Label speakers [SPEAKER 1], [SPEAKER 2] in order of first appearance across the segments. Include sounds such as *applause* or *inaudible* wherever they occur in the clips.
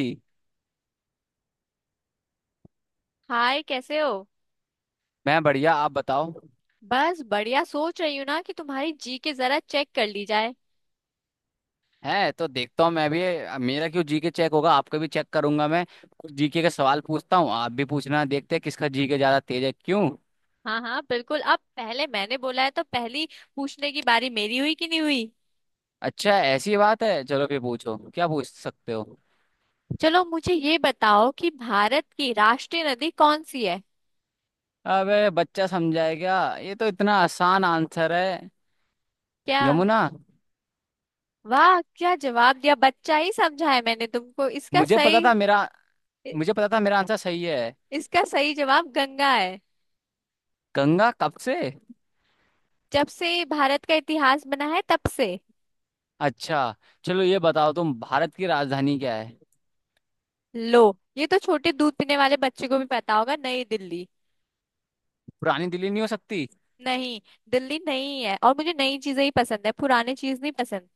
[SPEAKER 1] जी।
[SPEAKER 2] Hi, कैसे हो।
[SPEAKER 1] मैं बढ़िया, आप बताओ।
[SPEAKER 2] बस बढ़िया, सोच रही हूँ ना कि तुम्हारी जी के जरा चेक कर ली जाए।
[SPEAKER 1] हैं तो देखता हूँ मैं भी। मेरा क्यों जीके चेक होगा, आपका भी चेक करूंगा मैं। जीके के सवाल पूछता हूँ, आप भी पूछना, देखते हैं किसका जीके ज्यादा तेज है, क्यों?
[SPEAKER 2] हाँ हाँ बिल्कुल, अब पहले मैंने बोला है तो पहली पूछने की बारी मेरी हुई कि नहीं हुई।
[SPEAKER 1] अच्छा ऐसी बात है, चलो फिर पूछो, क्या पूछ सकते हो?
[SPEAKER 2] चलो मुझे ये बताओ कि भारत की राष्ट्रीय नदी कौन सी है।
[SPEAKER 1] अबे बच्चा समझाएगा, ये तो इतना आसान आंसर है।
[SPEAKER 2] क्या?
[SPEAKER 1] यमुना।
[SPEAKER 2] वाह, क्या जवाब दिया, बच्चा ही समझा है मैंने तुमको। इसका
[SPEAKER 1] मुझे पता
[SPEAKER 2] सही
[SPEAKER 1] था मेरा।
[SPEAKER 2] इ-
[SPEAKER 1] मुझे पता था मेरा आंसर सही है।
[SPEAKER 2] इसका सही जवाब गंगा है।
[SPEAKER 1] गंगा कब से?
[SPEAKER 2] जब से भारत का इतिहास बना है तब से।
[SPEAKER 1] अच्छा। चलो ये बताओ, तुम भारत की राजधानी क्या है?
[SPEAKER 2] लो, ये तो छोटे दूध पीने वाले बच्चे को भी पता होगा, नई दिल्ली।
[SPEAKER 1] पुरानी दिल्ली नहीं हो सकती?
[SPEAKER 2] नहीं, दिल्ली नहीं है, और मुझे नई चीजें ही पसंद है, पुराने चीज नहीं पसंद।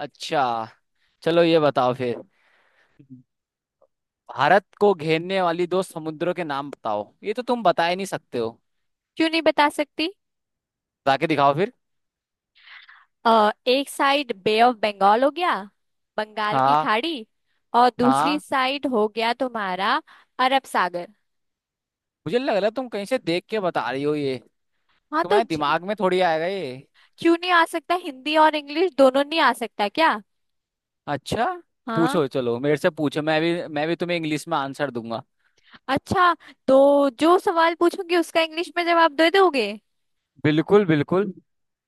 [SPEAKER 1] अच्छा। चलो ये बताओ फिर। भारत को घेरने वाली दो समुद्रों के नाम बताओ, ये तो तुम बता ही नहीं सकते हो।
[SPEAKER 2] क्यों नहीं बता सकती।
[SPEAKER 1] बता के दिखाओ फिर।
[SPEAKER 2] एक साइड बे ऑफ बंगाल हो गया, बंगाल की
[SPEAKER 1] हाँ,
[SPEAKER 2] खाड़ी। और दूसरी
[SPEAKER 1] हाँ।
[SPEAKER 2] साइड हो गया तुम्हारा, अरब सागर।
[SPEAKER 1] मुझे लग रहा है तुम कहीं से देख के बता रही हो ये।
[SPEAKER 2] हाँ तो
[SPEAKER 1] तुम्हारे दिमाग में थोड़ी आएगा ये।
[SPEAKER 2] क्यों नहीं आ सकता, हिंदी और इंग्लिश दोनों नहीं आ सकता क्या।
[SPEAKER 1] अच्छा।
[SPEAKER 2] हाँ।
[SPEAKER 1] पूछो, चलो मेरे से पूछो, मैं भी तुम्हें इंग्लिश में आंसर दूंगा।
[SPEAKER 2] अच्छा, तो जो सवाल पूछूंगी उसका इंग्लिश में जवाब दे दोगे।
[SPEAKER 1] बिल्कुल बिल्कुल।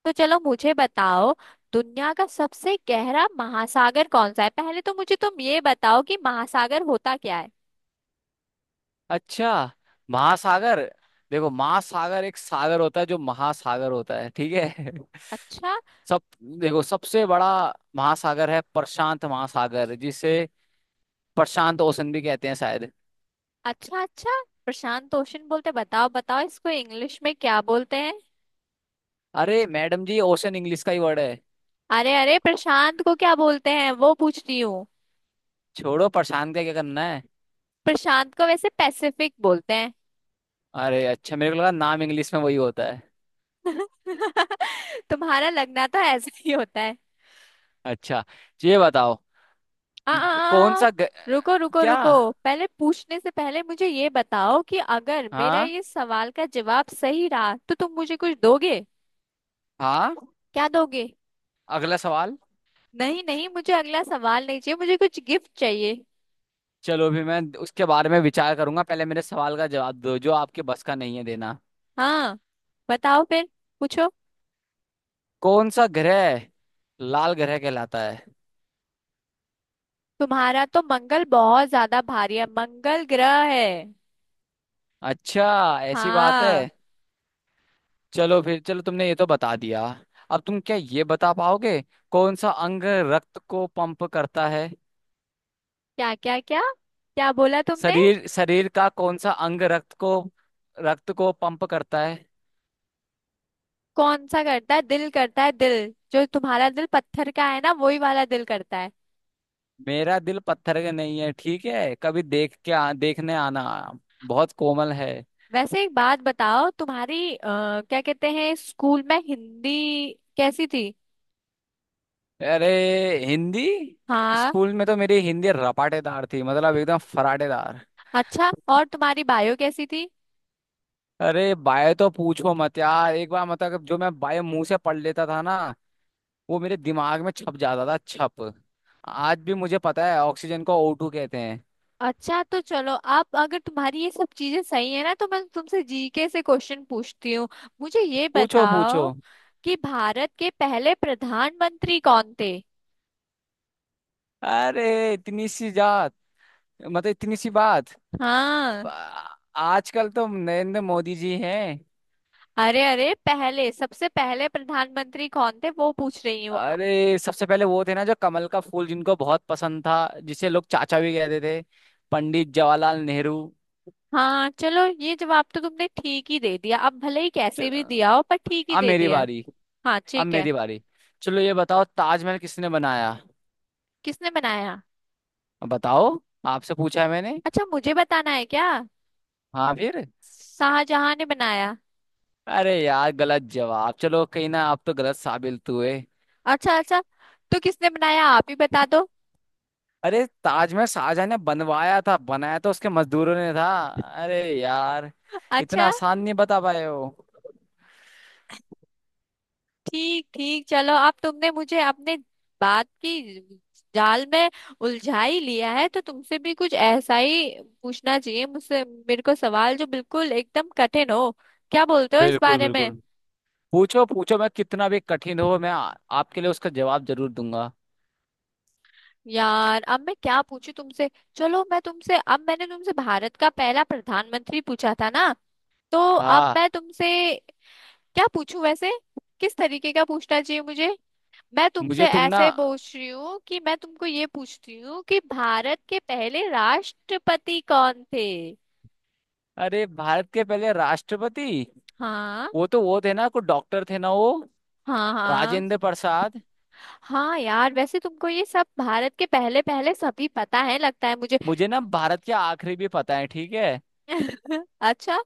[SPEAKER 2] तो चलो मुझे बताओ, दुनिया का सबसे गहरा महासागर कौन सा है। पहले तो मुझे तुम ये बताओ कि महासागर होता क्या है।
[SPEAKER 1] अच्छा। महासागर। देखो महासागर एक सागर होता है जो महासागर होता है, ठीक है? *laughs*
[SPEAKER 2] अच्छा
[SPEAKER 1] सब। देखो सबसे बड़ा महासागर है प्रशांत महासागर, जिसे प्रशांत ओशन भी कहते हैं शायद।
[SPEAKER 2] अच्छा। अच्छा, प्रशांत ओशन बोलते, बताओ बताओ इसको इंग्लिश में क्या बोलते हैं।
[SPEAKER 1] अरे मैडम जी, ओशन इंग्लिश का ही वर्ड है।
[SPEAKER 2] अरे अरे, प्रशांत को क्या बोलते हैं वो पूछ रही हूँ।
[SPEAKER 1] छोड़ो प्रशांत का क्या करना है।
[SPEAKER 2] प्रशांत को वैसे पैसिफिक बोलते हैं।
[SPEAKER 1] अरे अच्छा, मेरे को लगा नाम इंग्लिश में वही होता है।
[SPEAKER 2] *laughs* तुम्हारा लगना तो ऐसा ही होता है।
[SPEAKER 1] अच्छा ये बताओ,
[SPEAKER 2] आ,
[SPEAKER 1] कौन
[SPEAKER 2] आ, आ,
[SPEAKER 1] सा ग...
[SPEAKER 2] रुको रुको
[SPEAKER 1] क्या?
[SPEAKER 2] रुको, पहले पूछने से पहले मुझे ये बताओ कि अगर मेरा
[SPEAKER 1] हाँ,
[SPEAKER 2] ये सवाल का जवाब सही रहा तो तुम मुझे कुछ दोगे।
[SPEAKER 1] हाँ,
[SPEAKER 2] क्या दोगे?
[SPEAKER 1] अगला सवाल।
[SPEAKER 2] नहीं नहीं, मुझे अगला सवाल नहीं चाहिए, मुझे कुछ गिफ्ट चाहिए।
[SPEAKER 1] चलो भी, मैं उसके बारे में विचार करूंगा, पहले मेरे सवाल का जवाब दो जो आपके बस का नहीं है देना।
[SPEAKER 2] हाँ, बताओ फिर, पूछो।
[SPEAKER 1] कौन सा ग्रह लाल ग्रह कहलाता है?
[SPEAKER 2] तुम्हारा तो मंगल बहुत ज्यादा भारी है, मंगल ग्रह है।
[SPEAKER 1] अच्छा ऐसी बात है।
[SPEAKER 2] हाँ।
[SPEAKER 1] चलो फिर, चलो तुमने ये तो बता दिया। अब तुम क्या ये बता पाओगे, कौन सा अंग रक्त को पंप करता है?
[SPEAKER 2] क्या क्या क्या, क्या बोला तुमने?
[SPEAKER 1] शरीर शरीर का कौन सा अंग रक्त को पंप करता है?
[SPEAKER 2] कौन सा करता है, दिल करता है, दिल, जो तुम्हारा दिल पत्थर का है ना, वही वाला दिल करता है।
[SPEAKER 1] मेरा दिल पत्थर का नहीं है, ठीक है, कभी देख के देखने आना। बहुत कोमल है।
[SPEAKER 2] वैसे एक बात बताओ, तुम्हारी क्या कहते हैं, स्कूल में हिंदी कैसी थी।
[SPEAKER 1] अरे हिंदी,
[SPEAKER 2] हाँ।
[SPEAKER 1] स्कूल में तो मेरी हिंदी रपाटेदार थी, मतलब एकदम फराटेदार।
[SPEAKER 2] अच्छा, और तुम्हारी बायो कैसी थी।
[SPEAKER 1] अरे बायो तो पूछो मत यार, एक बार मतलब जो मैं बायो मुंह से पढ़ लेता था ना, वो मेरे दिमाग में छप जाता था, छप। आज भी मुझे पता है ऑक्सीजन को O2 कहते हैं।
[SPEAKER 2] अच्छा तो चलो, अब अगर तुम्हारी ये सब चीजें सही है ना, तो मैं तुमसे जीके से क्वेश्चन पूछती हूँ। मुझे ये
[SPEAKER 1] पूछो पूछो।
[SPEAKER 2] बताओ कि भारत के पहले प्रधानमंत्री कौन थे।
[SPEAKER 1] अरे इतनी सी जात, मतलब इतनी सी बात।
[SPEAKER 2] हाँ।
[SPEAKER 1] आ- आजकल तो नरेंद्र मोदी जी हैं।
[SPEAKER 2] अरे अरे, पहले, सबसे पहले प्रधानमंत्री कौन थे वो पूछ रही हूँ।
[SPEAKER 1] अरे सबसे पहले वो थे ना जो कमल का फूल जिनको बहुत पसंद था, जिसे लोग चाचा भी कहते थे, पंडित जवाहरलाल नेहरू।
[SPEAKER 2] हाँ चलो, ये जवाब तो तुमने ठीक ही दे दिया, अब भले ही कैसे
[SPEAKER 1] चल-
[SPEAKER 2] भी दिया हो पर ठीक ही
[SPEAKER 1] अब
[SPEAKER 2] दे
[SPEAKER 1] मेरी
[SPEAKER 2] दिया।
[SPEAKER 1] बारी।
[SPEAKER 2] हाँ
[SPEAKER 1] अब
[SPEAKER 2] ठीक है।
[SPEAKER 1] मेरी बारी। चलो ये बताओ, ताजमहल किसने बनाया?
[SPEAKER 2] किसने बनाया?
[SPEAKER 1] अब बताओ, आपसे पूछा है मैंने।
[SPEAKER 2] अच्छा, मुझे बताना है क्या?
[SPEAKER 1] हाँ फिर?
[SPEAKER 2] शाहजहां ने बनाया।
[SPEAKER 1] अरे यार गलत जवाब, चलो कहीं ना, आप तो गलत साबित हुए।
[SPEAKER 2] अच्छा अच्छा, तो किसने बनाया आप ही बता दो।
[SPEAKER 1] अरे ताजमहल शाहजहां ने बनवाया था, बनाया तो उसके मजदूरों ने था। अरे यार, इतना
[SPEAKER 2] अच्छा।
[SPEAKER 1] आसान नहीं बता पाए हो।
[SPEAKER 2] ठीक ठीक चलो, अब तुमने मुझे अपने बात की जाल में उलझा ही लिया है, तो तुमसे भी कुछ ऐसा ही पूछना चाहिए मुझसे, मेरे को सवाल जो बिल्कुल एकदम कठिन हो। क्या बोलते हो इस
[SPEAKER 1] बिल्कुल
[SPEAKER 2] बारे में?
[SPEAKER 1] बिल्कुल, पूछो पूछो, मैं कितना भी कठिन हो, मैं आपके लिए उसका जवाब जरूर दूंगा।
[SPEAKER 2] यार अब मैं क्या पूछूं तुमसे। चलो मैं तुमसे, अब मैंने तुमसे भारत का पहला प्रधानमंत्री पूछा था ना, तो अब
[SPEAKER 1] हाँ।
[SPEAKER 2] मैं तुमसे क्या पूछूं वैसे, किस तरीके का पूछना चाहिए मुझे। मैं
[SPEAKER 1] मुझे
[SPEAKER 2] तुमसे
[SPEAKER 1] तुम ना,
[SPEAKER 2] ऐसे पूछ रही हूँ कि मैं तुमको ये पूछती हूँ कि भारत के पहले राष्ट्रपति कौन थे।
[SPEAKER 1] अरे भारत के पहले राष्ट्रपति
[SPEAKER 2] हाँ
[SPEAKER 1] वो तो वो थे ना, कोई डॉक्टर थे ना वो,
[SPEAKER 2] हाँ। हाँ
[SPEAKER 1] राजेंद्र प्रसाद।
[SPEAKER 2] हाँ यार, वैसे तुमको ये सब भारत के पहले पहले सभी पता है लगता है मुझे।
[SPEAKER 1] मुझे ना भारत के आखिरी भी पता है, ठीक है।
[SPEAKER 2] *laughs* अच्छा,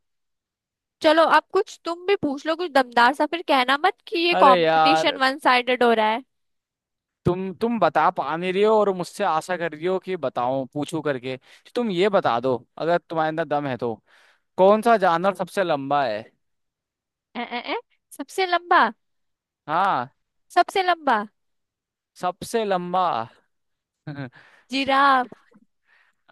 [SPEAKER 2] चलो अब कुछ तुम भी पूछ लो, कुछ दमदार सा, फिर कहना मत कि ये
[SPEAKER 1] अरे
[SPEAKER 2] कंपटीशन
[SPEAKER 1] यार,
[SPEAKER 2] वन साइडेड हो रहा है।
[SPEAKER 1] तुम बता पा नहीं रही हो, और मुझसे आशा कर रही हो कि बताऊं, पूछूं करके तो तुम ये बता दो, अगर तुम्हारे अंदर दम है तो। कौन सा जानवर सबसे लंबा है?
[SPEAKER 2] ए, ए, ए, सबसे लंबा,
[SPEAKER 1] हाँ।
[SPEAKER 2] सबसे लंबा,
[SPEAKER 1] सबसे लंबा। *laughs*
[SPEAKER 2] जिराफ।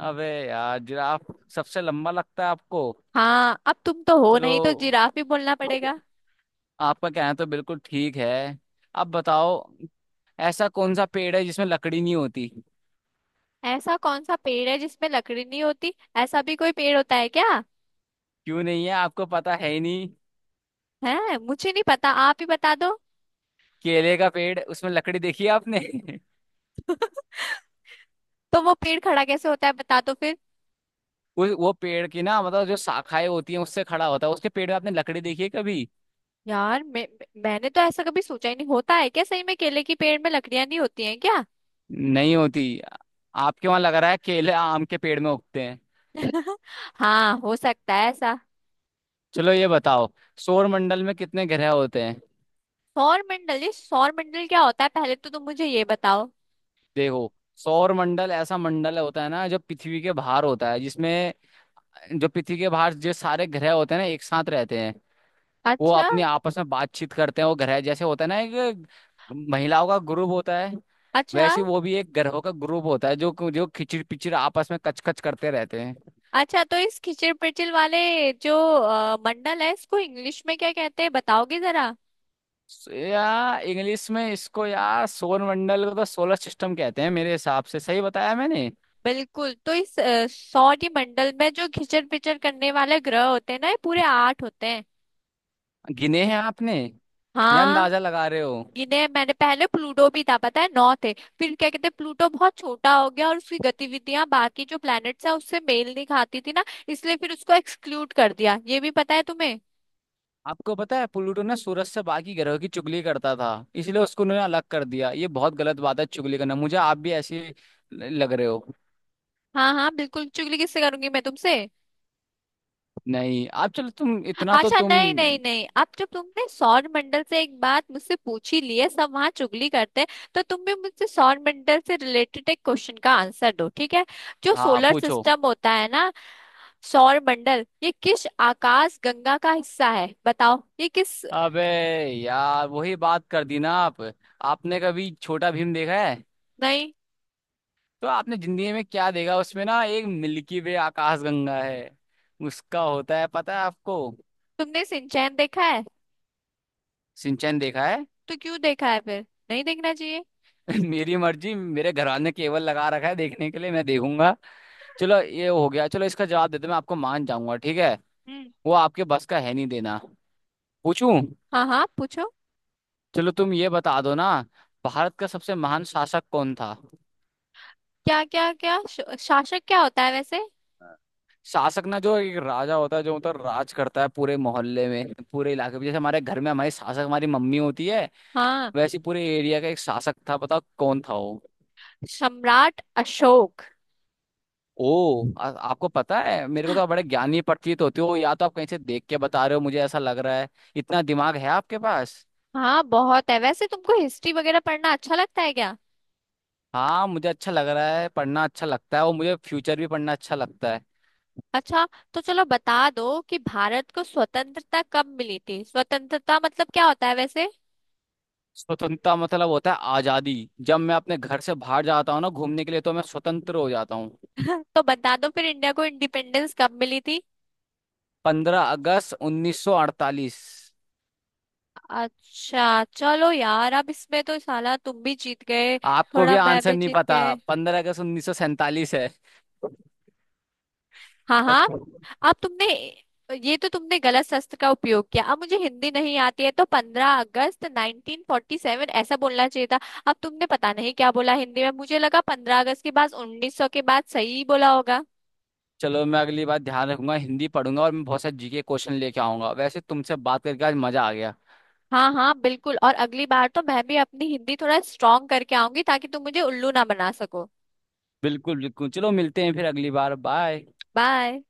[SPEAKER 1] अबे यार, जिराफ सबसे लंबा लगता है आपको?
[SPEAKER 2] हाँ, अब तुम तो हो
[SPEAKER 1] चलो,
[SPEAKER 2] नहीं तो जिराफ ही बोलना पड़ेगा।
[SPEAKER 1] आपका कहना तो बिल्कुल ठीक है। अब बताओ, ऐसा कौन सा पेड़ है जिसमें लकड़ी नहीं होती?
[SPEAKER 2] ऐसा कौन सा पेड़ है जिसमें लकड़ी नहीं होती, ऐसा भी कोई पेड़ होता है क्या?
[SPEAKER 1] क्यों नहीं है, आपको पता है ही नहीं।
[SPEAKER 2] है, मुझे नहीं पता, आप ही बता दो।
[SPEAKER 1] केले का पेड़, उसमें लकड़ी देखी है आपने? *laughs*
[SPEAKER 2] तो वो पेड़ खड़ा कैसे होता है बता दो फिर।
[SPEAKER 1] वो पेड़ की ना, मतलब जो शाखाएं होती हैं उससे खड़ा होता है, उसके पेड़ में आपने लकड़ी देखी है कभी?
[SPEAKER 2] यार मैंने तो ऐसा कभी सोचा ही नहीं, होता है क्या सही में, केले की पेड़ में लकड़ियां नहीं होती हैं क्या?
[SPEAKER 1] नहीं होती। आपके वहां लग रहा है केले आम के पेड़ में उगते हैं।
[SPEAKER 2] *laughs* हाँ, हो सकता है ऐसा।
[SPEAKER 1] चलो ये बताओ, सौर मंडल में कितने ग्रह होते हैं?
[SPEAKER 2] सौरमंडल, ये सौरमंडल क्या होता है पहले तो तुम मुझे ये बताओ।
[SPEAKER 1] देखो सौर मंडल ऐसा मंडल होता है ना जो पृथ्वी के बाहर होता है, जिसमें जो पृथ्वी के बाहर जो सारे ग्रह होते हैं ना एक साथ रहते हैं। वो
[SPEAKER 2] अच्छा
[SPEAKER 1] अपनी आपस में बातचीत करते हैं, वो घर है जैसे होता है ना, एक महिलाओं का ग्रुप होता है।
[SPEAKER 2] अच्छा।
[SPEAKER 1] वैसे वो भी एक ग्रहों का ग्रुप होता है, जो जो खिचड़ पिचड़ आपस में कचकच करते रहते हैं।
[SPEAKER 2] अच्छा तो इस खिचड़ पिचड़ वाले जो मंडल है, इसको इंग्लिश में क्या कहते हैं बताओगे जरा?
[SPEAKER 1] सो यार, इंग्लिश में इसको, यार सौर मंडल को तो सोलर सिस्टम कहते हैं, मेरे हिसाब से सही बताया मैंने।
[SPEAKER 2] बिल्कुल, तो इस सौर मंडल में जो खिचड़ पिचड़ करने वाले ग्रह होते हैं ना, ये पूरे आठ होते हैं।
[SPEAKER 1] गिने हैं आपने या
[SPEAKER 2] हाँ।
[SPEAKER 1] अंदाजा लगा रहे हो?
[SPEAKER 2] इन्हें मैंने, पहले प्लूटो भी था पता है, नौ थे। फिर क्या कहते हैं, प्लूटो बहुत छोटा हो गया और उसकी गतिविधियां बाकी जो प्लैनेट्स हैं उससे मेल नहीं खाती थी ना, इसलिए फिर उसको एक्सक्लूड कर दिया। ये भी पता है तुम्हें?
[SPEAKER 1] आपको पता है, प्लूटो ने सूरज से बाकी ग्रहों की चुगली करता था, इसलिए उसको उन्होंने अलग कर दिया, ये बहुत गलत बात है चुगली करना, मुझे आप भी ऐसे लग रहे हो।
[SPEAKER 2] हाँ हाँ बिल्कुल, चुगली किससे करूंगी मैं, तुमसे।
[SPEAKER 1] नहीं आप, चलो तुम इतना तो
[SPEAKER 2] अच्छा
[SPEAKER 1] तुम।
[SPEAKER 2] नहीं नहीं नहीं, अब जब तुमने सौर मंडल से एक बात मुझसे पूछी ली है, सब वहां चुगली करते हैं, तो तुम भी मुझसे सौर मंडल से रिलेटेड एक क्वेश्चन का आंसर दो, ठीक है। जो
[SPEAKER 1] हाँ
[SPEAKER 2] सोलर
[SPEAKER 1] पूछो।
[SPEAKER 2] सिस्टम होता है ना, सौर मंडल, ये किस आकाश गंगा का हिस्सा है, बताओ ये किस।
[SPEAKER 1] अबे यार वही बात कर दी ना आप। आपने कभी छोटा भीम देखा है?
[SPEAKER 2] नहीं।
[SPEAKER 1] तो आपने जिंदगी में क्या देखा, उसमें ना एक मिल्की वे आकाशगंगा है उसका, होता है पता है आपको?
[SPEAKER 2] तुमने सिंचैन देखा है,
[SPEAKER 1] सिंचन देखा है।
[SPEAKER 2] तो क्यों देखा है, फिर नहीं देखना चाहिए।
[SPEAKER 1] *laughs* मेरी मर्जी, मेरे घरवाले ने केबल लगा रखा है देखने के लिए, मैं देखूंगा। चलो ये हो गया, चलो इसका जवाब देते मैं आपको मान जाऊंगा, ठीक है?
[SPEAKER 2] हम्म।
[SPEAKER 1] वो आपके बस का है नहीं देना। पूछूं?
[SPEAKER 2] हाँ हाँ पूछो।
[SPEAKER 1] चलो तुम ये बता दो ना, भारत का सबसे महान शासक कौन था?
[SPEAKER 2] क्या क्या क्या, शासक क्या होता है वैसे?
[SPEAKER 1] शासक ना, जो एक राजा होता है जो मतलब राज करता है पूरे मोहल्ले में, पूरे इलाके में, जैसे हमारे घर में हमारी शासक हमारी मम्मी होती है,
[SPEAKER 2] हाँ।
[SPEAKER 1] वैसे ही पूरे एरिया का एक शासक था, बताओ कौन था वो?
[SPEAKER 2] सम्राट अशोक।
[SPEAKER 1] ओ आपको पता है? मेरे को तो आप बड़े ज्ञानी प्रतीत होते हो, या तो आप कहीं से देख के बता रहे हो, मुझे ऐसा लग रहा है इतना दिमाग है आपके पास।
[SPEAKER 2] हाँ बहुत है, वैसे तुमको हिस्ट्री वगैरह पढ़ना अच्छा लगता है क्या?
[SPEAKER 1] हाँ मुझे अच्छा लग रहा है, पढ़ना अच्छा लगता है, और मुझे फ्यूचर भी पढ़ना अच्छा लगता है।
[SPEAKER 2] अच्छा, तो चलो बता दो कि भारत को स्वतंत्रता कब मिली थी, स्वतंत्रता मतलब क्या होता है वैसे?
[SPEAKER 1] स्वतंत्रता मतलब होता है आजादी। जब मैं अपने घर से बाहर जाता हूँ ना घूमने के लिए, तो मैं स्वतंत्र हो जाता हूँ।
[SPEAKER 2] *laughs* तो बता दो फिर, इंडिया को इंडिपेंडेंस कब मिली थी।
[SPEAKER 1] 15 अगस्त 1948।
[SPEAKER 2] अच्छा चलो यार, अब इसमें तो साला तुम भी जीत गए।
[SPEAKER 1] आपको भी
[SPEAKER 2] थोड़ा मैं
[SPEAKER 1] आंसर
[SPEAKER 2] भी
[SPEAKER 1] नहीं
[SPEAKER 2] जीत
[SPEAKER 1] पता।
[SPEAKER 2] गए।
[SPEAKER 1] 15 अगस्त 1947 है।
[SPEAKER 2] हाँ हाँ, अब तुमने, ये तो तुमने गलत शस्त्र का उपयोग किया, अब मुझे हिंदी नहीं आती है तो 15 अगस्त 1947 ऐसा बोलना चाहिए था। अब तुमने पता नहीं क्या बोला हिंदी में, मुझे लगा 15 अगस्त के बाद 1900 के बाद सही बोला होगा।
[SPEAKER 1] चलो मैं अगली बार ध्यान रखूंगा, हिंदी पढ़ूंगा, और मैं बहुत सारे जीके क्वेश्चन लेके आऊंगा। वैसे तुमसे बात करके आज मजा आ गया।
[SPEAKER 2] हाँ हाँ बिल्कुल, और अगली बार तो मैं भी अपनी हिंदी थोड़ा स्ट्रांग करके आऊंगी ताकि तुम मुझे उल्लू ना बना सको।
[SPEAKER 1] बिल्कुल बिल्कुल, चलो मिलते हैं फिर अगली बार, बाय।
[SPEAKER 2] बाय।